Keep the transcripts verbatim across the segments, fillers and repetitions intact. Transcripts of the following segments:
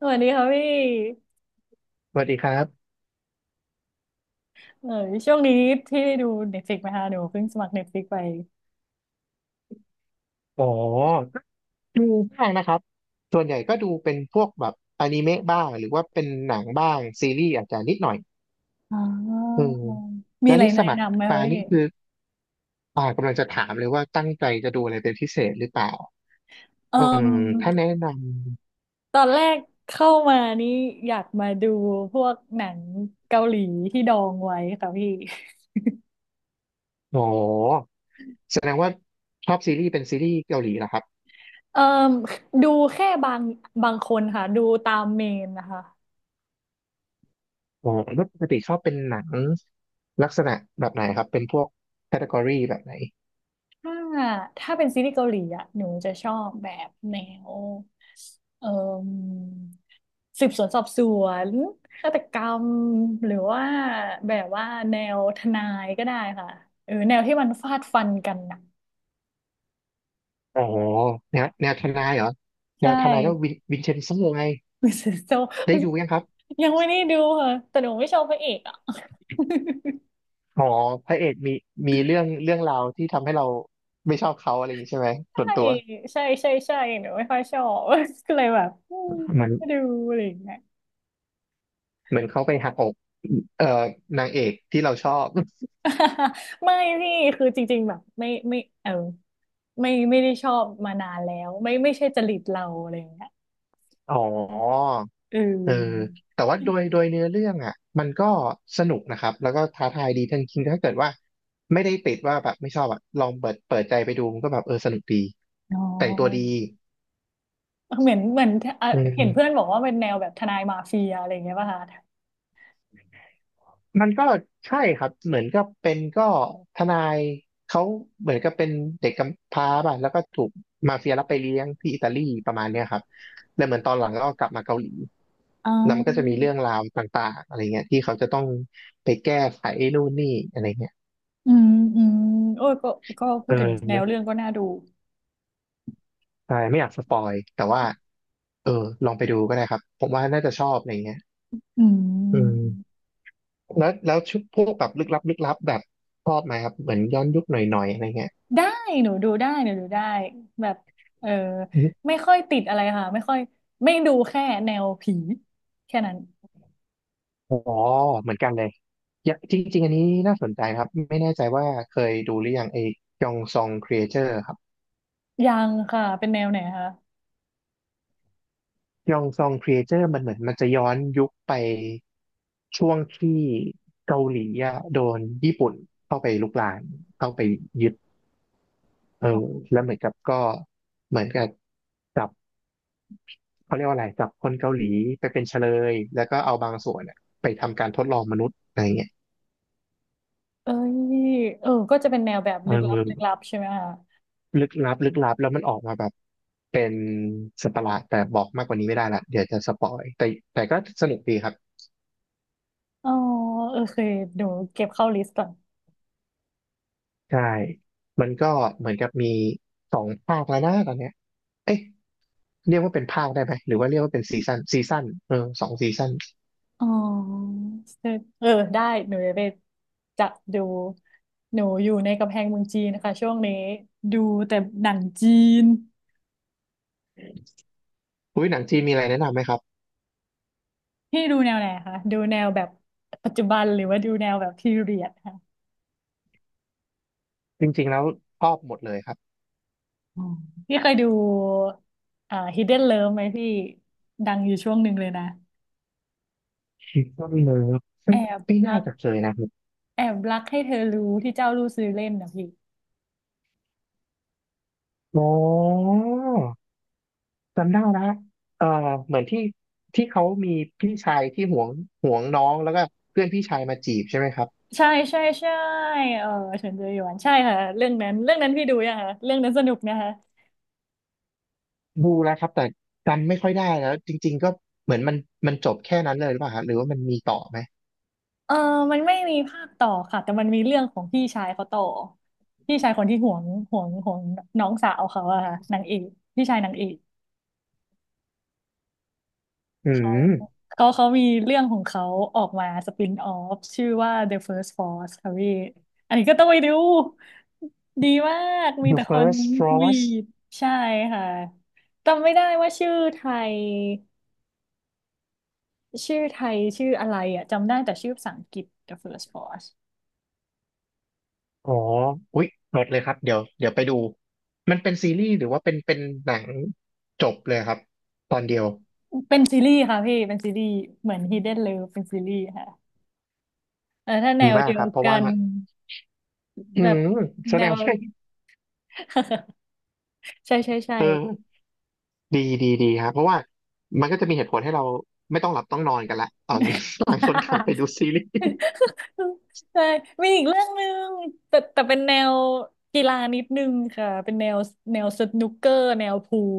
สวัสดีครับพี่สวัสดีครับเออช่วงนี้พี่ได้ดูเน็ตฟลิกไหมคะหนูเพิ่งสมัครเน็ตฟลิกไปอ๋อดูบ้างนะครับส่วนใหญ่ก็ดูเป็นพวกแบบอนิเมะบ้างหรือว่าเป็นหนังบ้างซีรีส์อาจจะนิดหน่อยอ๋ออืมมีแล้วอะไรนี่สแนะมัครนำไหมครัมาบพี่นี่คืออ่ากำลังจะถามเลยว่าตั้งใจจะดูอะไรเป็นพิเศษหรือเปล่าเอ่อืมมถ้าแนะนตอนแรกเข้ามานี่อยากมาดูพวกหนังเกาหลีที่ดองไว้ค่ะพี่ำอ๋อแสดงว่าชอบซีรีส์เป็นซีรีส์เกาหลีเหรอครับเอ่มดูแค่บางบางคนค่ะดูตามเมนนะคะ อ๋อแล้วปกติชอบเป็นหนังลักษณะแบบไหนครับเป็นพวกแคตตา o r y แบบไหนถ้าถ้าเป็นซีรีส์เกาหลีอะหนูจะชอบแบบแนวเอ่มสืบสวนสอบสวนฆาตกรรมหรือว่าแบบว่าแนวทนายก็ได้ค่ะเออแนวที่มันฟาดฟันกันนะอ๋อแนวแนวทนายเหรอแนใช่วทนายก็วินวินเชนโซไง มิสโซได้ไม่ ดูยังครับ ยังไม่ได้ดูค่ะแต่หนูไม่ชอบพระเอกอ่ะ อ๋อพระเอกมีมีเรื่องเรื่องราวที่ทำให้เราไม่ชอบเขาอะไรอย่างนี้ใช่ไหมส่ใช่วนตัวใช่ใช่ใช่หนูไม่ค่อยชอบ ก็เลยแบบอืมเหมือนไม่ดูอะไรอย่างเงี้ย เหมือนเขาไปหักอกเอ่อนางเอกที่เราชอบ ไม่พี่คือจริงๆแบบไม่ไม่เออไม่ไม่ได้ชอบมานานแล้วไม่ไม่ใช่จริตเราอะไรอย่างเงี้ยอ๋อเอเอออแต่ว่าโดยโดยเนื้อเรื่องอ่ะมันก็สนุกนะครับแล้วก็ท้าทายดีทั้งจริงๆถ้าเกิดว่าไม่ได้ติดว่าแบบไม่ชอบอ่ะลองเปิดเปิดใจไปดูมันก็แบบเออสนุกดีอ๋อแต่งตัวดีเหมือนเหมือนเอ่ออืเห็นเพื่อนม บอกว่าเป็นแนวแบบทนายมาเฟียอะไรอย่างเงี้ยป่ะคะมันก็ใช่ครับเหมือนก็เป็นก็ทนายเขาเหมือนกับเป็นเด็กกำพร้าป่ะแล้วก็ถูกมาเฟียรับไปเลี้ยงที่อิตาลีประมาณเนี้ยครับแล้วเหมือนตอนหลังก็กลับมาเกาหลีอ๋อแล้วมันก็จะมีเรื่องราวต่างๆอะไรเงี้ยที่เขาจะต้องไปแก้ไขนู่นนี่อะไรเงี้ยอืมอืมโอ้ยก็ก็พูเอดถึงแนวอเรื่องก็น่าดูใช่ไม่อยากสปอยแต่ว่าเออลองไปดูก็ได้ครับผมว่าน่าจะชอบอะไรเงี้ยอือืมมแล้วแล้วชุดพวกแบบลึกลับลึกลับแบบชอบไหมครับเหมือนย้อนยุคหน่อยๆอะไรเงี้ย ได้หนูดูได้หนูดูได้แบบเออไม่ค่อยติดอะไรค่ะไม่ค่อยไม่ดูแค่แนวผีแค่นั้นอ๋อเหมือนกันเลยอย่าจริงๆอันนี้น่าสนใจครับไม่แน่ใจว่าเคยดูหรือยังไอ้ยองซองครีเอเตอร์ครับยังค่ะเป็นแนวไหนคะ ยองซองครีเอเตอร์มันเหมือนมันจะย้อนยุคไปช่วงที่เกาหลีอะโดนญี่ปุ่นเข้าไปลุกรานเข้าไปยึดเออแล้วเหมือนกับก็เหมือนกับจับเขาเรียกว่าอะไรจับคนเกาหลีไปเป็นเฉลยแล้วก็เอาบางส่วนอะไปทำการทดลองมนุษย์อะไรเงี้ยเอ้ยเออก็จะเป็นแนวแบบเอลึกลับอ ลึกลับใช่ไหมคะลึกลับลึกลับแล้วมันออกมาแบบเป็นสัตว์ประหลาดแต่บอกมากกว่านี้ไม่ได้ละเดี๋ยวจะสปอยแต่แต่ก็สนุกดีครับอ๋อเออเคยเดีเก็บเข้าลิสต์ก่อนใช่มันก็เหมือนกับมีสองภาคแล้วนะตอนเนี้ยเอ๊ะเรียกว่าเป็นภาคได้ไหมหรือว่าเรียกว่าเป็นซีซั่นซีซั่นเออสองซีซั่นอ๋อเออได้หนูจะไปจะดูหนูอยู่ในกำแพงเมืองจีนนะคะช่วงนี้ดูแต่หนังจีนอุ้ยหนังจีนมีอะไรแนะนำไหมครับพี่ดูแนวไหนคะดูแนวแบบปัจจุบันหรือว่าดูแนวแบบพีเรียดค่ะจริงๆแล้วชอบหมดเลยครับ อ๋อพี่เคยดูอ่า Hidden Love ไหมพี่ดังอยู่ช่วงหนึ่งเลยนะ คิดว่าเลิฟแอไม่บไม่รัน่ากจะเคยนะครับแอบรักให้เธอรู้ที่เจ้ารู้ซื้อเล่นนะพี่ อ๋อ จำได้นะเอ่อเหมือนที่ที่เขามีพี่ชายที่หวงหวงน้องแล้วก็เพื่อนพี่ชายมาจีบใช่ไหมครับใช่ใช่ใช่เออเฉินเจอหยวนใช่ค่ะเรื่องนั้นเรื่องนั้นพี่ดูยังคะเรื่องนั้นสนุกนะคะดูแล้วครับแต่จำไม่ค่อยได้แล้วจริงๆก็เหมือนมันมันจบแค่นั้นเลยหรือเปล่าฮะหรือว่ามันมีต่อไหมเออมันไม่มีภาคต่อค่ะแต่มันมีเรื่องของพี่ชายเขาต่อพี่ชายคนที่ห่วงห่วงห่วงน้องสาวเขาอะค่ะนางเอกพี่ชายนางเอกอืเขาม เขาเขามีเรื่องของเขาออกมาสปินออฟชื่อว่า The First Force ค่ะพี่อันนี้ก็ต้องไปดูดีมากมี The แต่คน First วี Frost ดใช่ค่ะจำไม่ได้ว่าชื่อไทย ชื่อไทยชื่ออะไรอ่ะจำได้แต่ชื่อภาษาอังกฤษ The First Boss อ๋ออุ๊ยหมดเลยครับเดี๋ยวเดี๋ยวไปดู มันเป็นซีรีส์หรือว่าเป็นเป็นหนังจบเลยครับตอนเดียวเป็นซีรีส์ค่ะพี่เป็นซีรีส์เหมือน Hidden Love เป็นซีรีส์ค่ะเออถ้าแนดีวมากเดียควรับเพราะกัว่านอืแบบมแสแนดงว ว่า ใช่ใช่ใช่ เออ ดีดีดีครับเพราะว่ามันก็จะมีเหตุผลให้เราไม่ต้องหลับต้องนอนกันละตอน นี้ ต่างคนต่างไปดูซีรีส์ ใช่มีอีกเรื่องหนึ่งแต่แต่เป็นแนวกีฬานิดนึงค่ะเป็นแนวแนวสนุกเกอร์แนวพูล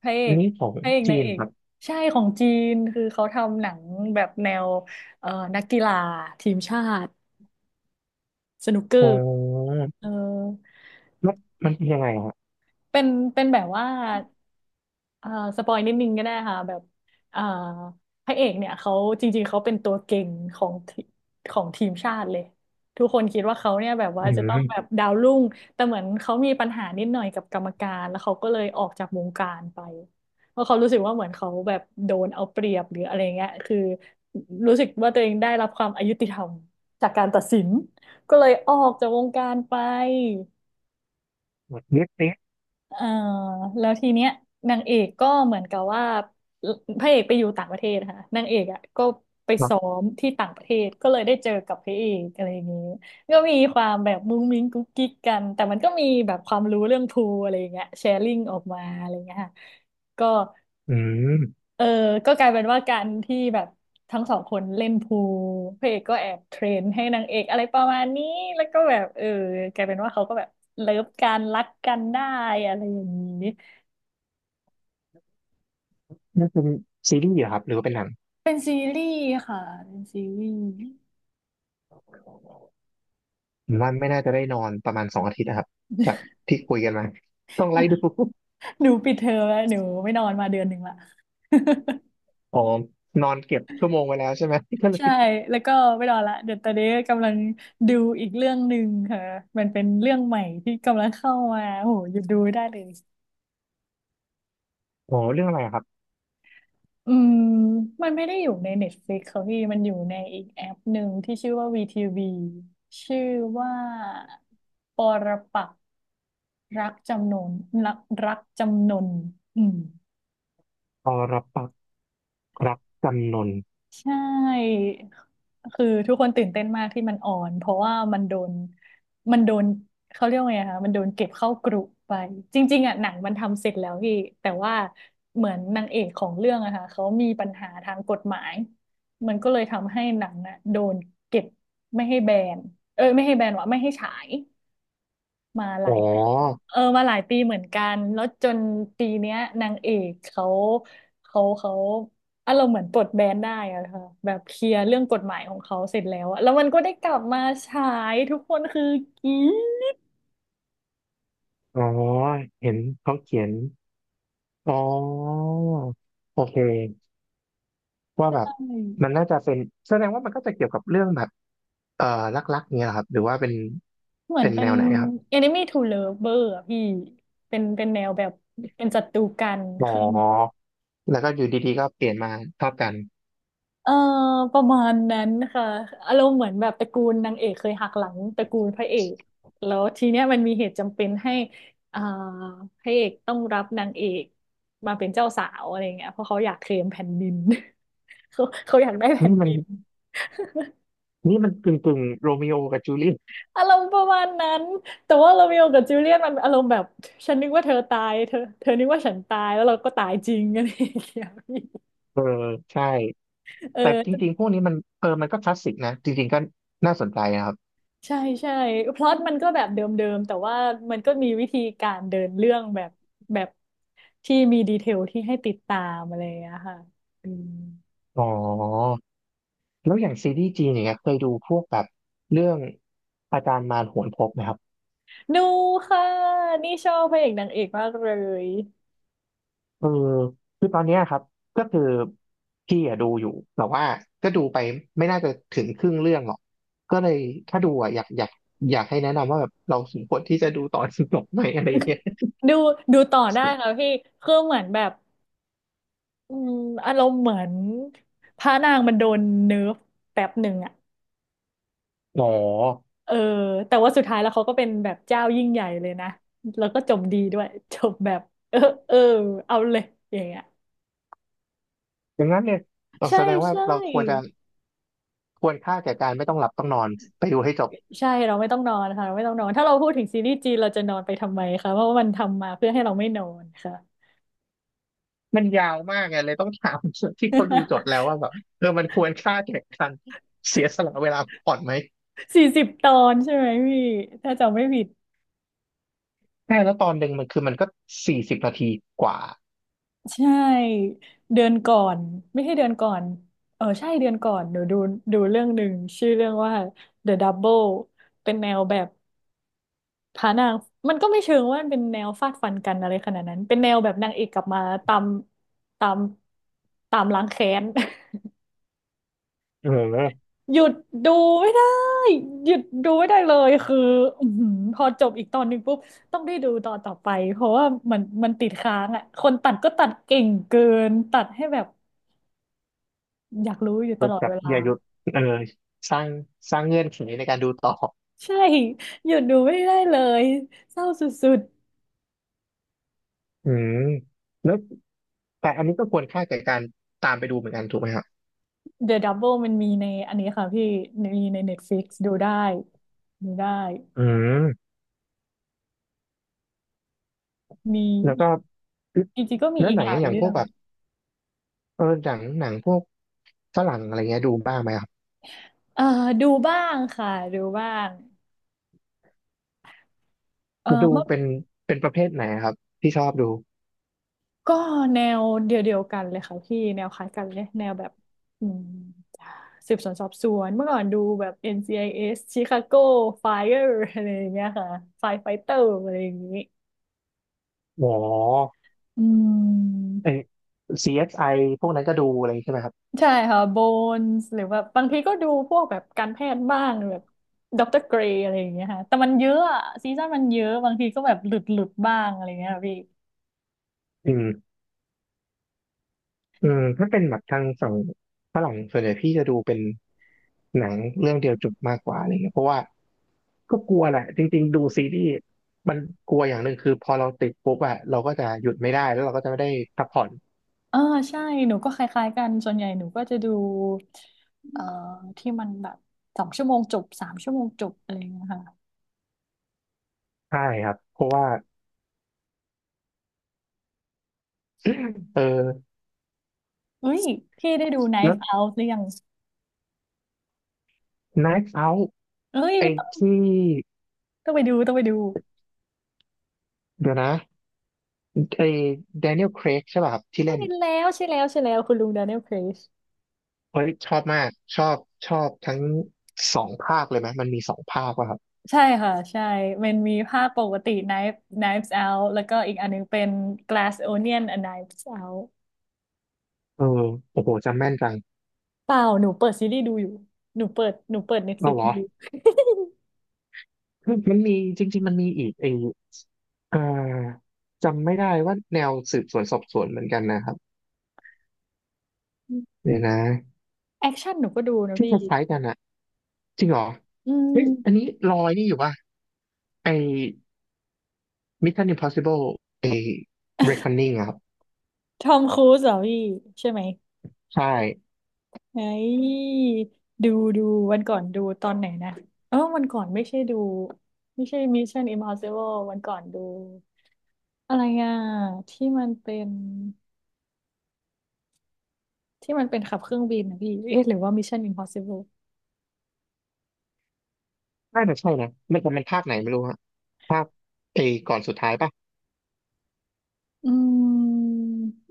พระเออันกนี้ของพระเอกนาจีงนเอกครับใช่ของจีนคือเขาทำหนังแบบแนวเอ่อนักกีฬาทีมชาติ สนุกเกออ๋อร์เออแล้วมันเป็นยังไงฮะเป็นเป็นแบบว่าเอ่อสปอยนิดนึงก็ได้ค่ะแบบเอ่อพระเอกเนี่ยเขาจริงๆเขาเป็นตัวเก่งของทีของทีมชาติเลยทุกคนคิดว่าเขาเนี่ยแบบอืว่าจะต้องแบบมดาวรุ่งแต่เหมือนเขามีปัญหานิดหน่อยกับกรรมการ แล้วเขาก็เลยออกจากวงการไป เพราะเขารู้สึกว่าเหมือนเขาแบบโดนเอาเปรียบหรืออะไรเงี้ยคือรู้สึกว่าตัวเองได้รับความอยุติธรรมจากการตัดสินก็เลยออกจากวงการไป เน็ตเน็ตเอ่อแล้วทีเนี้ยนางเอกก็เหมือนกับว่าพระเอกไปอยู่ต่างประเทศค่ะนางเอกอ่ะก็ไปหรอซ้อมที่ต่างประเทศก็เลยได้เจอกับพระเอกอะไรอย่างนี้ก็มีความแบบมุ้งมิ้งกุ๊กกิ๊กกันแต่มันก็มีแบบความรู้เรื่องพูลอะไรอย่างเงี้ยแชร์ลิงออกมาอะไรอย่างเงี้ยค่ะก็อืมเออก็กลายเป็นว่าการที่แบบทั้งสองคนเล่นพูลพระเอกก็แอบเทรนให้นางเอกอะไรประมาณนี้แล้วก็แบบเออกลายเป็นว่าเขาก็แบบเลิฟกันรักกันได้อะไรอย่างนี้ น่าจะเป็นซีรีส์เหรอครับหรือว่าเป็นหนังเป็นซีรีส์ค่ะเป็นซีรีส์ ผมว่าไม่น่าจะได้นอนประมาณสองอาทิตย์นะครับจากที่คุยกันมาต้องไล่ดู หนูปิดเทอมแล้วหนูไม่นอนมาเดือนหนึ่งละ อ๋อนอนเก็บชั่วโมงไว้แล้วใช่ไหมก็ เลใช่ย แล้วก็ไม่นอนละเดี๋ยวตอนนี้กำลังดูอีกเรื่องหนึ่งค่ะมันเป็นเรื่องใหม่ที่กำลังเข้ามาโหหยุดดูไม่ได้เลย อ๋อเรื่องอะไรอะครับอืมมันไม่ได้อยู่ใน Netflix ค่ะพี่มันอยู่ในอีกแอปหนึ่งที่ชื่อว่า วี ที วี ชื่อว่าปรปักษ์รักจำนนรักรักจำนนอืม อรปักษ์รักจำนนใช่ คือทุกคนตื่นเต้นมากที่มันออนเพราะว่ามันโดนมันโดนเขาเรียกว่าไงคะมันโดนเก็บเข้ากรุไป จริงๆอ่ะหนังมันทำเสร็จแล้วพี่แต่ว่าเหมือนนางเอกของเรื่องอะค่ะเขามีปัญหาทางกฎหมาย มันก็เลยทำให้หนังอะโดนเก็บไม่ให้แบนเอ้ยไม่ให้แบนวะไม่ให้ฉาย มาหอ๋ลาอยปีเออมาหลายปีเหมือนกันแล้วจนปีเนี้ยนางเอกเขาเขาเขาอารมณ์เหมือนปลดแบนได้อะค่ะแบบเคลียร์เรื่องกฎหมายของเขาเสร็จแล้วอะแล้วมันก็ได้กลับมาฉายทุกคนคือกรี๊ดอ๋อเห็นเขาเขียน อ๋อโอเคว่าใชแบบ่มันน่าจะเป็นแสดงว่ามันก็จะเกี่ยวกับเรื่องแบบเอ่อรักๆเนี่ยครับหรือว่าเป็นเหมือเป็นนเป็แนน้ วไหนครับ Enemy to Lover อะพี่เป็นเป็นแนวแบบเป็นศัตรูกันอ๋อคือ แล้วก็อยู่ดีๆก็เปลี่ยนมาชอบกันเออประมาณนั้นค่ะอารมณ์เหมือนแบบตระกูลนางเอกเคยหักหลังตระกูลพระเอกแล้วทีเนี้ยมันมีเหตุจำเป็นให้อ่าพระเอกต้องรับนางเอกมาเป็นเจ้าสาวอะไรเงี้ยเพราะเขาอยากเคลมแผ่นดิน เขาเขาอยากได้แผ่นี่นมัดินนนี่มันกึ่งกึ่งโรมิโอกับจูเลียตอารมณ์ประมาณนั้นแต่ว่าโรเมโอกับจูเลียตมันอารมณ์แบบฉันนึกว่าเธอตายเธอเธอนึกว่าฉันตายแล้วเราก็ตายจริงอะไรอย่างเงี้ยพี่ใช่เอแต่จอ ริงๆพวกนี้มันเออมันก็คลาสสิกนะจริงๆก็น่าสนใจนะครับใช่ใช่พล็อตมันก็แบบเดิมๆแต่ว่ามันก็มีวิธีการเดินเรื่องแบบแบบที่มีดีเทลที่ให้ติดตามอะไรอย่างเงี้ยค่ะอืมอ๋อแล้วอย่างซีรีส์จีนอย่างเงี้ยเคยดูพวกแบบเรื่องอาจารย์มารโหนพบไหมครับ ดูค่ะนี่ชอบพระเอกนางเอกมากเลยเออคือตอนเนี้ยครับก็คือพี่อะดูอยู่แต่ว่าก็ดูไปไม่น่าจะถึงครึ่งเรื่องหรอกก็เลยถ้าดูอะอยากอยากอยากให้แนะนำว่าแบบเราสมควรที่จะดูตอนจบไหมอะไรเงี้ย ดูดูต่อได้ค่ะ พี่คือเหมือนแบบอืมอารมณ์เหมือนพระนางมันโดนเนิร์ฟแป๊บหนึ่งอ่ะอ๋อเออแต่ว่าสุดท้ายแล้วเขาก็เป็นแบบเจ้ายิ่งใหญ่เลยนะแล้วก็จบดีด้วยจบแบบเออเออเอาเลยอย่างเงี้ย อย่างนั้นเนี่ยเราใช่แสดงว่าใช่เราควรจะควรค่าแก่การไม่ต้องหลับต้องนอนไปดูให้จบใช่เราไม่ต้องนอนค่ะเราไม่ต้องนอนถ้าเราพูดถึงซีรีส์จีนเราจะนอนไปทำไมคะเพราะว่ามันทำมาเพื่อให้เราไม่นอนค่ะมันยาวมากไงเลยต้องถามที่เขาดูจบแล้วว่าแบบเออมันควรค่าแก่การเสียสละเวลาก่อนไหมสี่สิบตอนใช่ไหมพี่ถ้าจำไม่ผิดใช่แล้วตอนหนึ่งมันคือมันก็สี่สิบนาทีกว่าใช่เดือนก่อนไม่ใช่เดือนก่อนเออใช่เดือนก่อนหนูดูดูเรื่องหนึ่งชื่อเรื่องว่า The Double เป็นแนวแบบพระนางมันก็ไม่เชิงว่ามันเป็นแนวฟาดฟันกันอะไรขนาดนั้นเป็นแนวแบบนางเอกกลับมาตามตามตามล้างแค้น เออ หยุดดูไม่ได้หยุดดูไม่ได้เลยคืออื้อหือพอจบอีกตอนหนึ่งปุ๊บต้องได้ดูตอนต่อไปเพราะว่ามันมันติดค้างอ่ะคนตัดก็ตัดเก่งเกินตัดให้แบบอยากรู้อยู่แตลอดบเวบลาอย่าหยุดเออสร้างสร้างเงื่อนไขในการดูต่อใช่หยุดดูไม่ได้เลยเศร้าสุดอืมแล้วแต่อันนี้ก็ควรค่าแก่การตามไปดูเหมือนกันถูกไหมครับๆ The Double มันมีในอันนี้ค่ะพี่มีใน Netflix ดูได้ดูได้อืมมีแล้วอีก็กจริงๆก็มีแล้วอีกหนัหงลายอย่างเรื่พอวกงแบบเออหนังหนังพวกฝรั่งอะไรเงี้ยดูบ้างไหมครับเอ่อดูบ้างค่ะดูบ้างเออดูเมื่อ เป็นเป็นประเภทไหนครับที่ชอบดูก็แนวเดียวเดียวกันเลยค่ะพี่แนวคล้ายกันเลยแนวแบบอืมสืบสวนสอบสวนเมื่อก่อนดูแบบ เอ็น ซี ไอ เอส Chicago Fire อะไรอย่างเงี้ยค่ะ Fire Fighter อะไรอย่างงี้อ๋ออืมไอ ซี เอส ไอ พวกนั้นก็ดูอะไรใช่ไหมครับใช่ค่ะโบนส์หรือว่าบางทีก็ดูพวกแบบการแพทย์บ้างแบบด็อกเตอร์เกรย์อะไรอย่างเงี้ยค่ะแต่มันเยอะอะซีซั่นมันเยอะบางทีก็แบบหลุดหลุดบ้างอะไรเงี้ยค่ะพี่ อืม อืมถ้าเป็นแบบทางฝั่งฝรั่งส่วนใหญ่พี่จะดูเป็นหนังเรื่องเดียวจบมากกว่าอะไรเงี้ยเพราะว่าก็กลัวแหละจริงๆดูซีรีส์มันกลัวอย่างหนึ่งคือพอเราติดปุ๊บอะเราก็จะหยุดไม่ได้แล้วเราก็จะไม่ได้พักผ่อนเออใช่หนูก็คล้ายๆกันส่วนใหญ่หนูก็จะดูเอ่อที่มันแบบสองชั่วโมงจบสามชั่วโมงจบอะไรอย่างเงี้ยค่ะใช่ครับเพราะว่าเออเฮ้ยพี่ได้ดู แล้ว Knife Out หรือยัง Knives Out เฮ้ยไอ้ไม่ต้องที่ต้องไปดูต้องไปดูเดี๋ยวนะไอ้ Daniel Craig ใช่ป่ะครับที่ใช่เล่นแล้วใช่แล้วใช่แล้วคุณลุง Daniel Craig เฮ้ยชอบมากชอบชอบทั้งสองภาคเลยไหมมันมีสองภาคป่ะครับใช่ค่ะใช่มันมีภาคปกติ Knife Knives Out แล้วก็อีกอันนึงเป็น Glass Onion and Knives Out เออโอ้โหจำแม่นจังเปล่าหนูเปิดซีรีส์ดูอยู่หนูเปิดหนูเปิด เอา Netflix เหรอ ดู คือมันมีจริงๆมันมีอีกไอเอ่อจำไม่ได้ว่าแนวสืบสวนสอบสวนเหมือนกันนะครับ เดี๋ยวนะแอคชั่นหนูก็ดูนะที่คพี่ล้ายๆกันอะจริงเหรออืเฮ้ยอันนี้ม ลอยนี่อยู่ป่ะไอ้ Mission Impossible ไอ้ Reckoning อะครับทอมครูซเหรอพี่ใช่ไหมใช่ไอ้ดูดูวันก่อนดูตอนไหนนะเออวันก่อนไม่ใช่ดูไม่ใช่ Mission Impossible วันก่อนดูอะไรอ่ะที่มันเป็นที่มันเป็นขับเครื่องบินนะพี่เอ๊ะหรือว่า Mission Impossible น่าจะใช่นะมันจะเป็นภาคไหนไม่รู้ฮะภาคไอ้ก่อนสุดท้ายป่ะอืม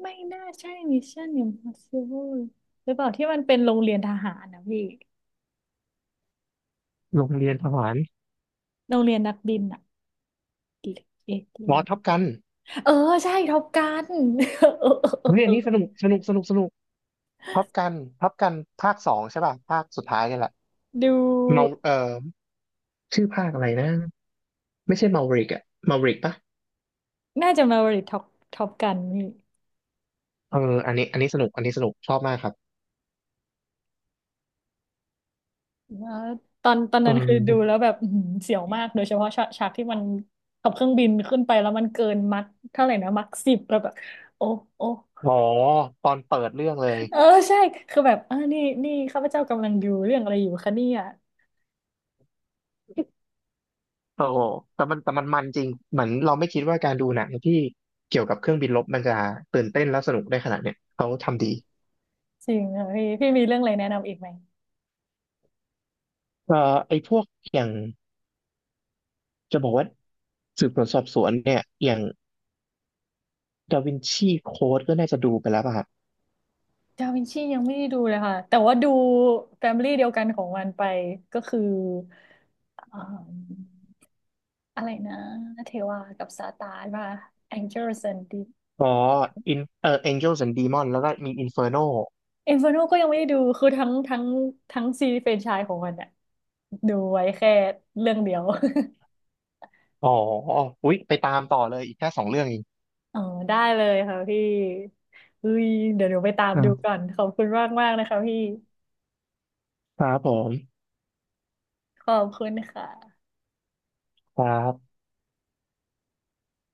ไม่น่าใช่ Mission Impossible หรือเปล่าที่มันเป็นโรงเรียนทหารนะพี่โรงเรียนทหารโรงเรียนนักบินอ่ะเอ๊ะหรืออ๋อท็อปว่ากันเออใช่ท็อปกัน เออ เออเออเฮ้ยเออันอนี้สนุกสนุกสนุกสนุกท็อปกันท็อปกันภาคสองใช่ป่ะภาคสุดท้ายนี่แหละดู เมาเอ่อชื่อภาคอะไรนะ ไม่ใช่มา วี อี ริกอะมาริกปะน่าจะมาบริท็อปท็อปกันนี่เอออันนี้อันนี้สนุกอันนี้สนุกชอบมากครับแล้วตอนตอนเอนั้นคือดูแล้อวแบบอื้อหือเสียวมากโดยเฉพาะฉากฉากที่มันขับเครื่องบินขึ้นไปแล้วมันเกินมัคเท่าไหร่นะมัคสิบแล้วแบบโอ้โอ้อ๋อตอนเปิดเรื่องเลยเออใช่คือแบบอ่านี่นี่ข้าพเจ้ากำลังดูเรื่องอะไรอยู่คะเนี่ยโอ้โหแต่มันแต่มันมันจริงเหมือนเราไม่คิดว่าการดูหนังที่เกี่ยวกับเครื่องบินรบมันจะตื่นเต้นและสนุกได้ขนาดเนี้ยเขาทำดีจริงเหรอพี่พี่มีเรื่องอะไรแนะนำอีกไหมเอ่อไอ้พวกอย่างจะบอกว่าสืบสวนสอบสวนเนี่ยอย่างดาวินชีโค้ดก็น่าจะดูไปแล้วป่ะครับดาวินชียังไม่ได้ดูเลยค่ะแต่ว่าดูแฟมิลี่เดียวกันของมันไปก็คืออ่าอะไรนะเทวากับซาตานว่า Angels and Demons อ๋ออินเอ่อ Angels and ดี อี เอ็ม โอ เอ็น แล้วก็มี Inferno เอ f น r โนก็ยังไม่ได้ดู คือทั้งทั้งทั้งซีรีส์แฟรนไชส์ของมันอะดูไว้แค่เรื่องเดียว อ๋ออุ๊ยไปตามต่อเลยอีกแค่สองเรื่องเอง อ๋อได้เลยค่ะพี่เฮ้ยเดี๋ยวหนูไปตามดูก่อ่าอนขอบคุณมากมากนะคะพี่ครับผมขอบคุณค่ะครับ